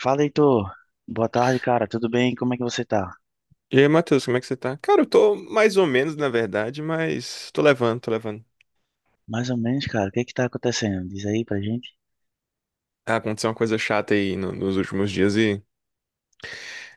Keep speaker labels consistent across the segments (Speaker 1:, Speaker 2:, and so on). Speaker 1: Fala, Heitor. Boa tarde, cara. Tudo bem? Como é que você tá?
Speaker 2: E aí, Matheus, como é que você tá? Cara, eu tô mais ou menos, na verdade, mas tô levando, tô levando.
Speaker 1: Mais ou menos, cara. O que é que tá acontecendo? Diz aí pra gente.
Speaker 2: Ah, aconteceu uma coisa chata aí nos últimos dias e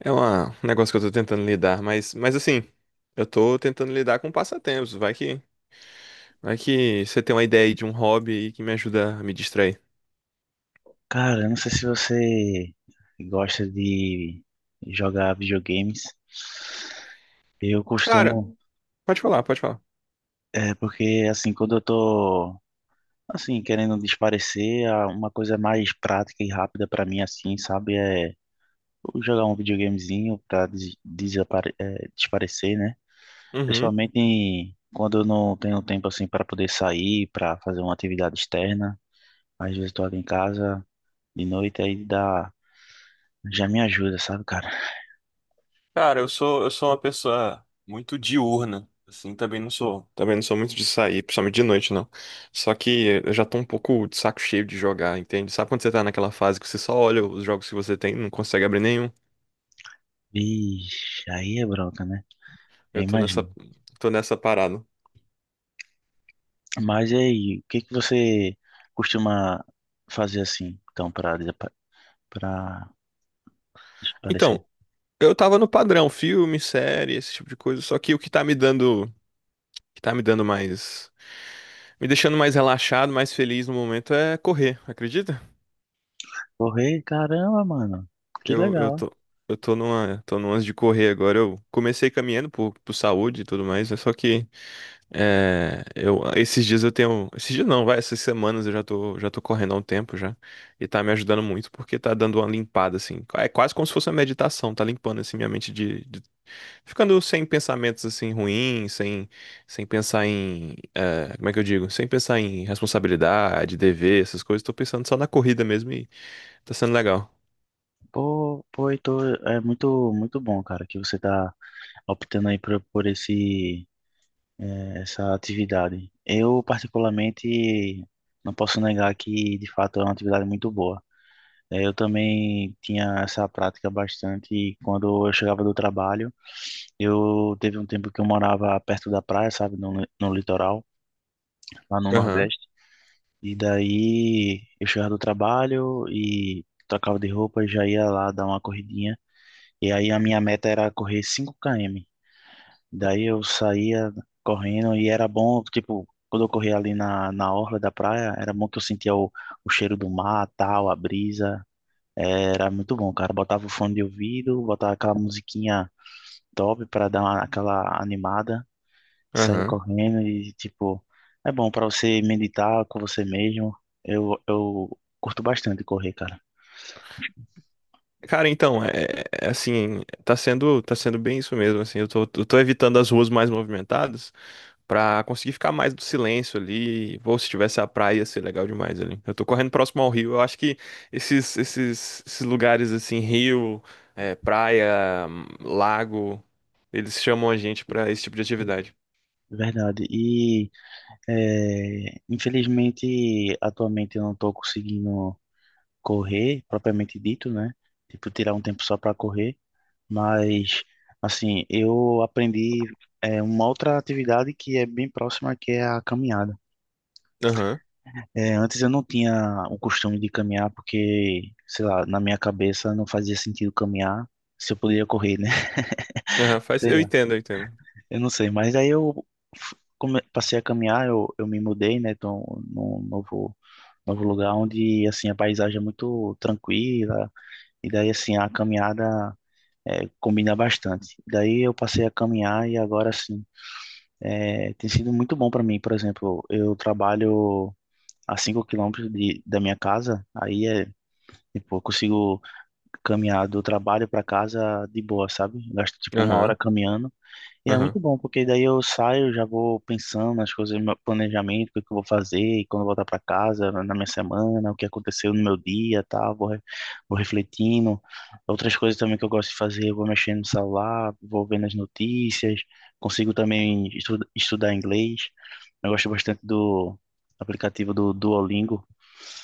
Speaker 2: é um negócio que eu tô tentando lidar, mas assim, eu tô tentando lidar com passatempos. Vai que você tem uma ideia aí de um hobby aí que me ajuda a me distrair.
Speaker 1: Cara, eu não sei se você gosta de jogar videogames. Eu
Speaker 2: Cara,
Speaker 1: costumo,
Speaker 2: pode falar, pode falar.
Speaker 1: é porque assim, quando eu tô assim querendo desaparecer, uma coisa mais prática e rápida pra mim assim, sabe, é jogar um videogamezinho pra desaparecer, né?
Speaker 2: Uhum.
Speaker 1: Quando eu não tenho tempo assim para poder sair, para fazer uma atividade externa. Às vezes estou ali em casa de noite, aí dá, já me ajuda, sabe, cara?
Speaker 2: Cara, eu sou uma pessoa muito diurna, assim, também não sou muito de sair, principalmente de noite, não. Só que eu já tô um pouco de saco cheio de jogar, entende? Sabe quando você tá naquela fase que você só olha os jogos que você tem, e não consegue abrir nenhum?
Speaker 1: Vixe, aí é bronca, né? Eu
Speaker 2: Eu
Speaker 1: imagino.
Speaker 2: tô nessa parada.
Speaker 1: Mas e aí, o que que você costuma fazer assim, então, para desaparecer?
Speaker 2: Então, eu tava no padrão, filme, série, esse tipo de coisa, só que o que tá me dando mais, me deixando mais relaxado, mais feliz no momento é correr, acredita?
Speaker 1: Correr, caramba, mano. Que
Speaker 2: Eu, eu
Speaker 1: legal.
Speaker 2: tô, eu tô numa de correr agora. Eu comecei caminhando por saúde e tudo mais, né? Só que é, eu, esses dias eu tenho, esses dias não, vai, essas semanas eu já tô correndo há um tempo já. E tá me ajudando muito porque tá dando uma limpada, assim. É quase como se fosse uma meditação, tá limpando, assim, minha mente ficando sem pensamentos, assim, ruins, sem pensar em, como é que eu digo? Sem pensar em responsabilidade, dever, essas coisas. Tô pensando só na corrida mesmo e tá sendo legal.
Speaker 1: Pô, pô, Heitor, é muito muito bom, cara, que você tá optando aí por essa atividade. Eu, particularmente, não posso negar que, de fato, é uma atividade muito boa. Eu também tinha essa prática bastante quando eu chegava do trabalho. Eu teve um tempo que eu morava perto da praia, sabe, no litoral, lá no
Speaker 2: Aham.
Speaker 1: Nordeste. E daí eu chegava do trabalho e trocava de roupa e já ia lá dar uma corridinha. E aí a minha meta era correr 5 km.
Speaker 2: Pô.
Speaker 1: Daí eu saía correndo e era bom, tipo, quando eu corria ali na orla da praia, era bom que eu sentia o cheiro do mar, tal, a brisa. Era muito bom, cara. Botava o fone de ouvido, botava aquela musiquinha top pra aquela animada, saía
Speaker 2: Aham.
Speaker 1: correndo e, tipo, é bom pra você meditar com você mesmo. Eu curto bastante correr, cara.
Speaker 2: Cara, então, é assim, tá sendo bem isso mesmo, assim, eu tô evitando as ruas mais movimentadas pra conseguir ficar mais do silêncio ali, ou se tivesse a praia, ia ser legal demais ali. Eu tô correndo próximo ao rio, eu acho que esses lugares, assim, rio, praia, lago, eles chamam a gente pra esse tipo de atividade.
Speaker 1: Verdade. E, é, infelizmente, atualmente eu não tô conseguindo correr, propriamente dito, né? Tipo, tirar um tempo só para correr, mas assim, eu aprendi uma outra atividade que é bem próxima, que é a caminhada.
Speaker 2: Aham,
Speaker 1: É, antes eu não tinha o costume de caminhar porque, sei lá, na minha cabeça não fazia sentido caminhar se eu poderia correr, né?
Speaker 2: aham, faz,
Speaker 1: Sei
Speaker 2: eu
Speaker 1: lá,
Speaker 2: entendo, eu entendo.
Speaker 1: eu não sei, mas aí eu passei a caminhar, eu me mudei, né? Então, num novo lugar onde assim a paisagem é muito tranquila e daí assim a caminhada combina bastante. Daí eu passei a caminhar e agora sim, é, tem sido muito bom para mim. Por exemplo, eu trabalho a 5 quilômetros da minha casa, aí é, tipo, eu consigo caminhar do trabalho para casa de boa, sabe? Gasto tipo uma hora
Speaker 2: Aham,
Speaker 1: caminhando. E é
Speaker 2: aham,
Speaker 1: muito bom, porque daí eu saio, já vou pensando nas coisas, no meu planejamento, o que é que eu vou fazer, e quando eu voltar para casa, na minha semana, o que aconteceu no meu dia, tal, vou refletindo. Outras coisas também que eu gosto de fazer, eu vou mexendo no celular, vou vendo as notícias, consigo também estudar inglês. Eu gosto bastante do aplicativo do Duolingo,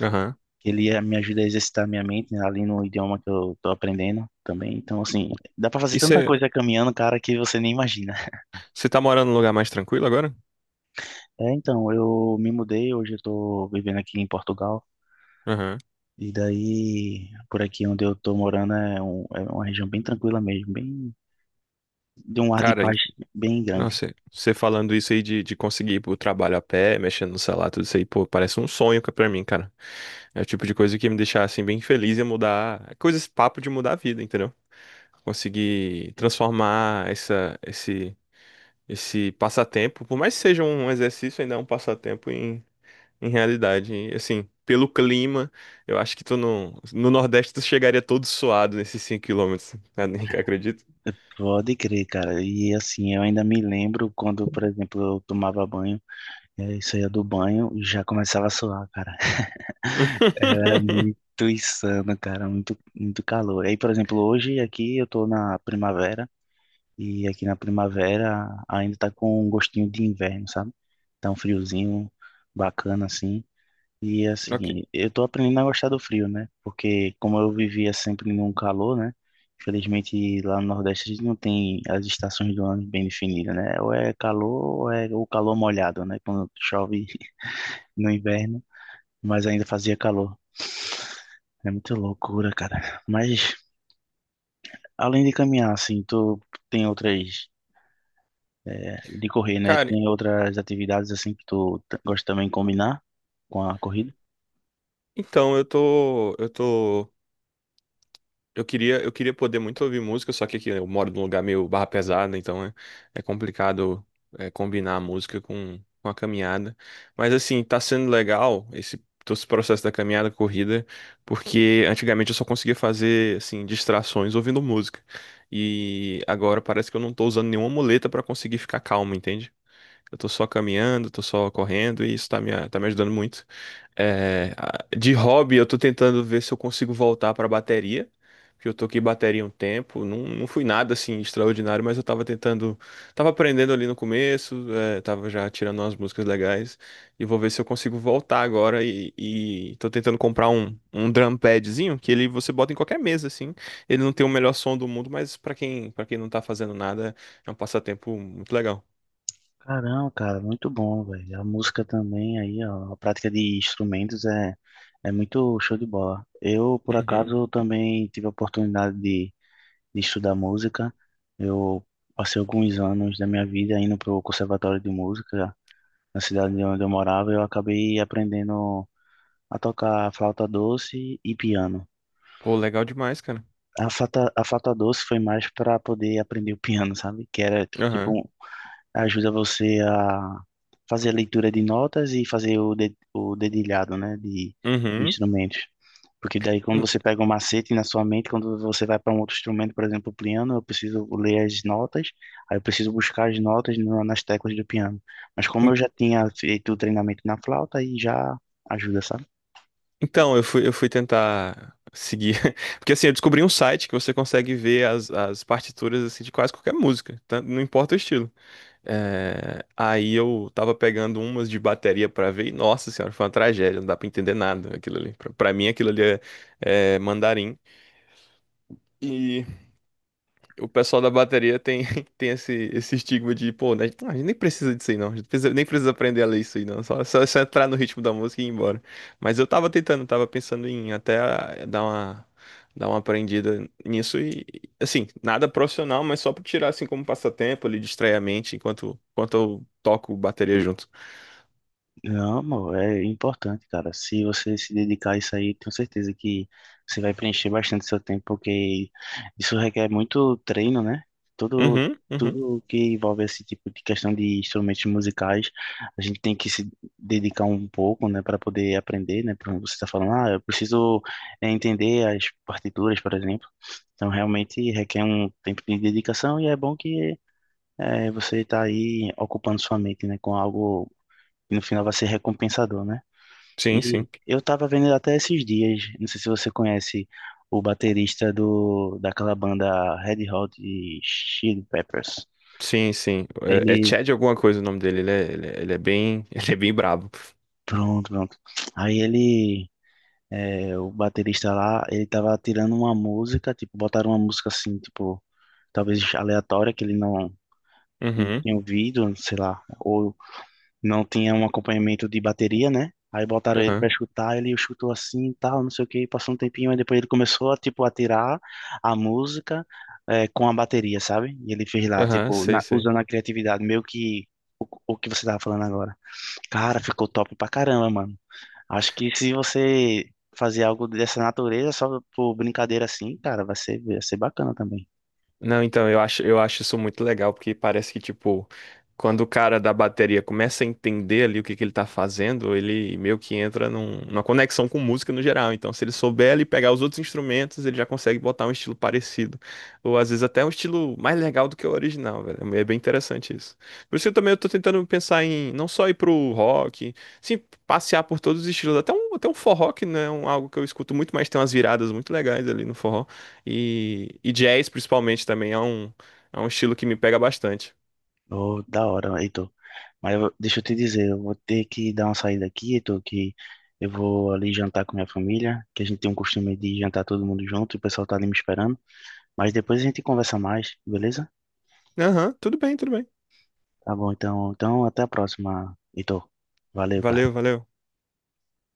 Speaker 2: aham.
Speaker 1: que ele me ajuda a exercitar minha mente, né, ali no idioma que eu tô aprendendo também. Então, assim, dá para fazer
Speaker 2: E
Speaker 1: tanta
Speaker 2: você,
Speaker 1: coisa caminhando, cara, que você nem imagina.
Speaker 2: você tá morando num lugar mais tranquilo agora?
Speaker 1: É, então, eu me mudei, hoje eu tô vivendo aqui em Portugal.
Speaker 2: Aham.
Speaker 1: E daí, por aqui onde eu tô morando é uma região bem tranquila mesmo, bem de um ar de
Speaker 2: Cara,
Speaker 1: paz bem grande.
Speaker 2: nossa, você falando isso aí de conseguir ir pro trabalho a pé, mexendo no celular, tudo isso aí, pô, parece um sonho pra mim, cara. É o tipo de coisa que ia me deixar, assim, bem feliz e mudar. É coisa, esse papo de mudar a vida, entendeu? Conseguir transformar esse passatempo, por mais que seja um exercício, ainda é um passatempo em realidade. E, assim, pelo clima, eu acho que tu no Nordeste tu chegaria todo suado nesses cinco quilômetros km, acredito.
Speaker 1: Pode crer, cara. E assim, eu ainda me lembro quando, por exemplo, eu tomava banho, é, saía do banho e já começava a suar, cara. É muito insano, cara, muito, muito calor. Aí, por exemplo, hoje aqui eu tô na primavera. E aqui na primavera ainda tá com um gostinho de inverno, sabe? Tá um friozinho bacana assim. E
Speaker 2: Ok.
Speaker 1: assim, eu tô aprendendo a gostar do frio, né? Porque como eu vivia sempre num calor, né? Infelizmente lá no Nordeste a gente não tem as estações do ano bem definidas, né? Ou é calor ou é o calor molhado, né? Quando chove no inverno, mas ainda fazia calor. É muita loucura, cara. Mas além de caminhar, assim, tu tem outras de correr, né?
Speaker 2: Cara,
Speaker 1: Tem outras atividades assim que tu gosta também de combinar com a corrida?
Speaker 2: Então, eu tô, eu tô, eu queria poder muito ouvir música, só que aqui eu moro num lugar meio barra pesada, então é complicado combinar a música com a caminhada. Mas assim, tá sendo legal todo esse processo da caminhada, corrida, porque antigamente eu só conseguia fazer assim distrações ouvindo música. E agora parece que eu não tô usando nenhuma muleta pra conseguir ficar calmo, entende? Eu tô só caminhando, tô só correndo e isso tá me ajudando muito. De hobby, eu tô tentando ver se eu consigo voltar pra bateria, porque eu toquei bateria um tempo, não, não fui nada assim extraordinário, mas eu tava tentando, tava aprendendo ali no começo, tava já tirando umas músicas legais, e vou ver se eu consigo voltar agora e tô tentando comprar um drum padzinho, que ele você bota em qualquer mesa, assim, ele não tem o melhor som do mundo, mas pra quem, para quem não tá fazendo nada, é um passatempo muito legal.
Speaker 1: Caramba, cara, muito bom, velho. A música também aí, ó, a prática de instrumentos é muito show de bola. Eu, por
Speaker 2: Uhum.
Speaker 1: acaso, também tive a oportunidade de estudar música. Eu passei alguns anos da minha vida indo pro Conservatório de Música na cidade de onde eu morava. Eu acabei aprendendo a tocar flauta doce e piano.
Speaker 2: Pô, legal demais, cara.
Speaker 1: A Fata Doce foi mais para poder aprender o piano, sabe? Que era
Speaker 2: Aham.
Speaker 1: tipo, ajuda você a fazer a leitura de notas e fazer o dedilhado, né? De
Speaker 2: Uhum.
Speaker 1: instrumentos. Porque daí, quando
Speaker 2: En-
Speaker 1: você pega um macete na sua mente, quando você vai para um outro instrumento, por exemplo, o piano, eu preciso ler as notas, aí eu preciso buscar as notas no, nas teclas do piano. Mas como
Speaker 2: en-
Speaker 1: eu já tinha feito o treinamento na flauta, aí já ajuda, sabe?
Speaker 2: Então, eu fui tentar seguir. Porque assim, eu descobri um site que você consegue ver as partituras assim, de quase qualquer música, tá? Não importa o estilo. Aí eu tava pegando umas de bateria pra ver e, nossa senhora, foi uma tragédia, não dá pra entender nada aquilo ali. Pra mim, aquilo ali é mandarim. E o pessoal da bateria tem, tem esse estigma de, pô, né, a gente nem precisa disso aí não, a gente nem precisa aprender a ler isso aí não, só entrar no ritmo da música e ir embora. Mas eu tava tentando, tava pensando em até dar uma aprendida nisso e, assim, nada profissional, mas só pra tirar assim como passatempo, ali, distrair a mente enquanto eu toco bateria junto.
Speaker 1: Não, amor, é importante, cara. Se você se dedicar a isso aí, tenho certeza que você vai preencher bastante seu tempo, porque isso requer muito treino, né? Tudo,
Speaker 2: Uhum, uhum.
Speaker 1: Tudo que envolve esse tipo de questão de instrumentos musicais, a gente tem que se dedicar um pouco, né, para poder aprender, né? Por exemplo, você está falando, ah, eu preciso entender as partituras, por exemplo. Então, realmente requer um tempo de dedicação e é bom que você está aí ocupando sua mente, né, com algo e no final vai ser recompensador, né?
Speaker 2: Sim,
Speaker 1: E
Speaker 2: sim.
Speaker 1: eu tava vendo até esses dias, não sei se você conhece o baterista daquela banda Red Hot Chili Peppers.
Speaker 2: Sim, sim. É
Speaker 1: Ele,
Speaker 2: Chad alguma coisa o nome dele, ele é bem, ele é bem brabo.
Speaker 1: pronto, pronto. Aí ele, é, o baterista lá, ele tava tirando uma música, tipo, botaram uma música assim, tipo, talvez aleatória, que ele não, não
Speaker 2: Uhum,
Speaker 1: tinha ouvido, sei lá, ou não tinha um acompanhamento de bateria, né? Aí botaram ele pra
Speaker 2: aham,
Speaker 1: escutar, ele chutou assim e tal, não sei o que, passou um tempinho, aí depois ele começou a, tipo, a tirar a música com a bateria, sabe? E ele fez lá,
Speaker 2: aham,
Speaker 1: tipo,
Speaker 2: sei, sei.
Speaker 1: usando a criatividade, meio que o que você tava falando agora. Cara, ficou top pra caramba, mano. Acho que se você fazer algo dessa natureza, só por brincadeira assim, cara, vai ser bacana também.
Speaker 2: Não, então, eu acho isso muito legal, porque parece que, tipo, quando o cara da bateria começa a entender ali o que que ele tá fazendo, ele meio que entra numa conexão com música no geral. Então, se ele souber ali pegar os outros instrumentos, ele já consegue botar um estilo parecido. Ou às vezes até um estilo mais legal do que o original, velho. É bem interessante isso. Por isso que eu também eu tô tentando pensar em não só ir pro rock, sim, passear por todos os estilos. Até um forró, que não é algo que eu escuto muito, mas tem umas viradas muito legais ali no forró. E jazz, principalmente, também é um estilo que me pega bastante.
Speaker 1: Oh, da hora, Heitor. Deixa eu te dizer, eu vou ter que dar uma saída aqui, Heitor, que eu vou ali jantar com minha família, que a gente tem um costume de jantar todo mundo junto, o pessoal tá ali me esperando. Mas depois a gente conversa mais, beleza?
Speaker 2: Aham, tudo bem, tudo bem.
Speaker 1: Tá bom, então, então até a próxima, Heitor. Valeu, cara.
Speaker 2: Valeu, valeu.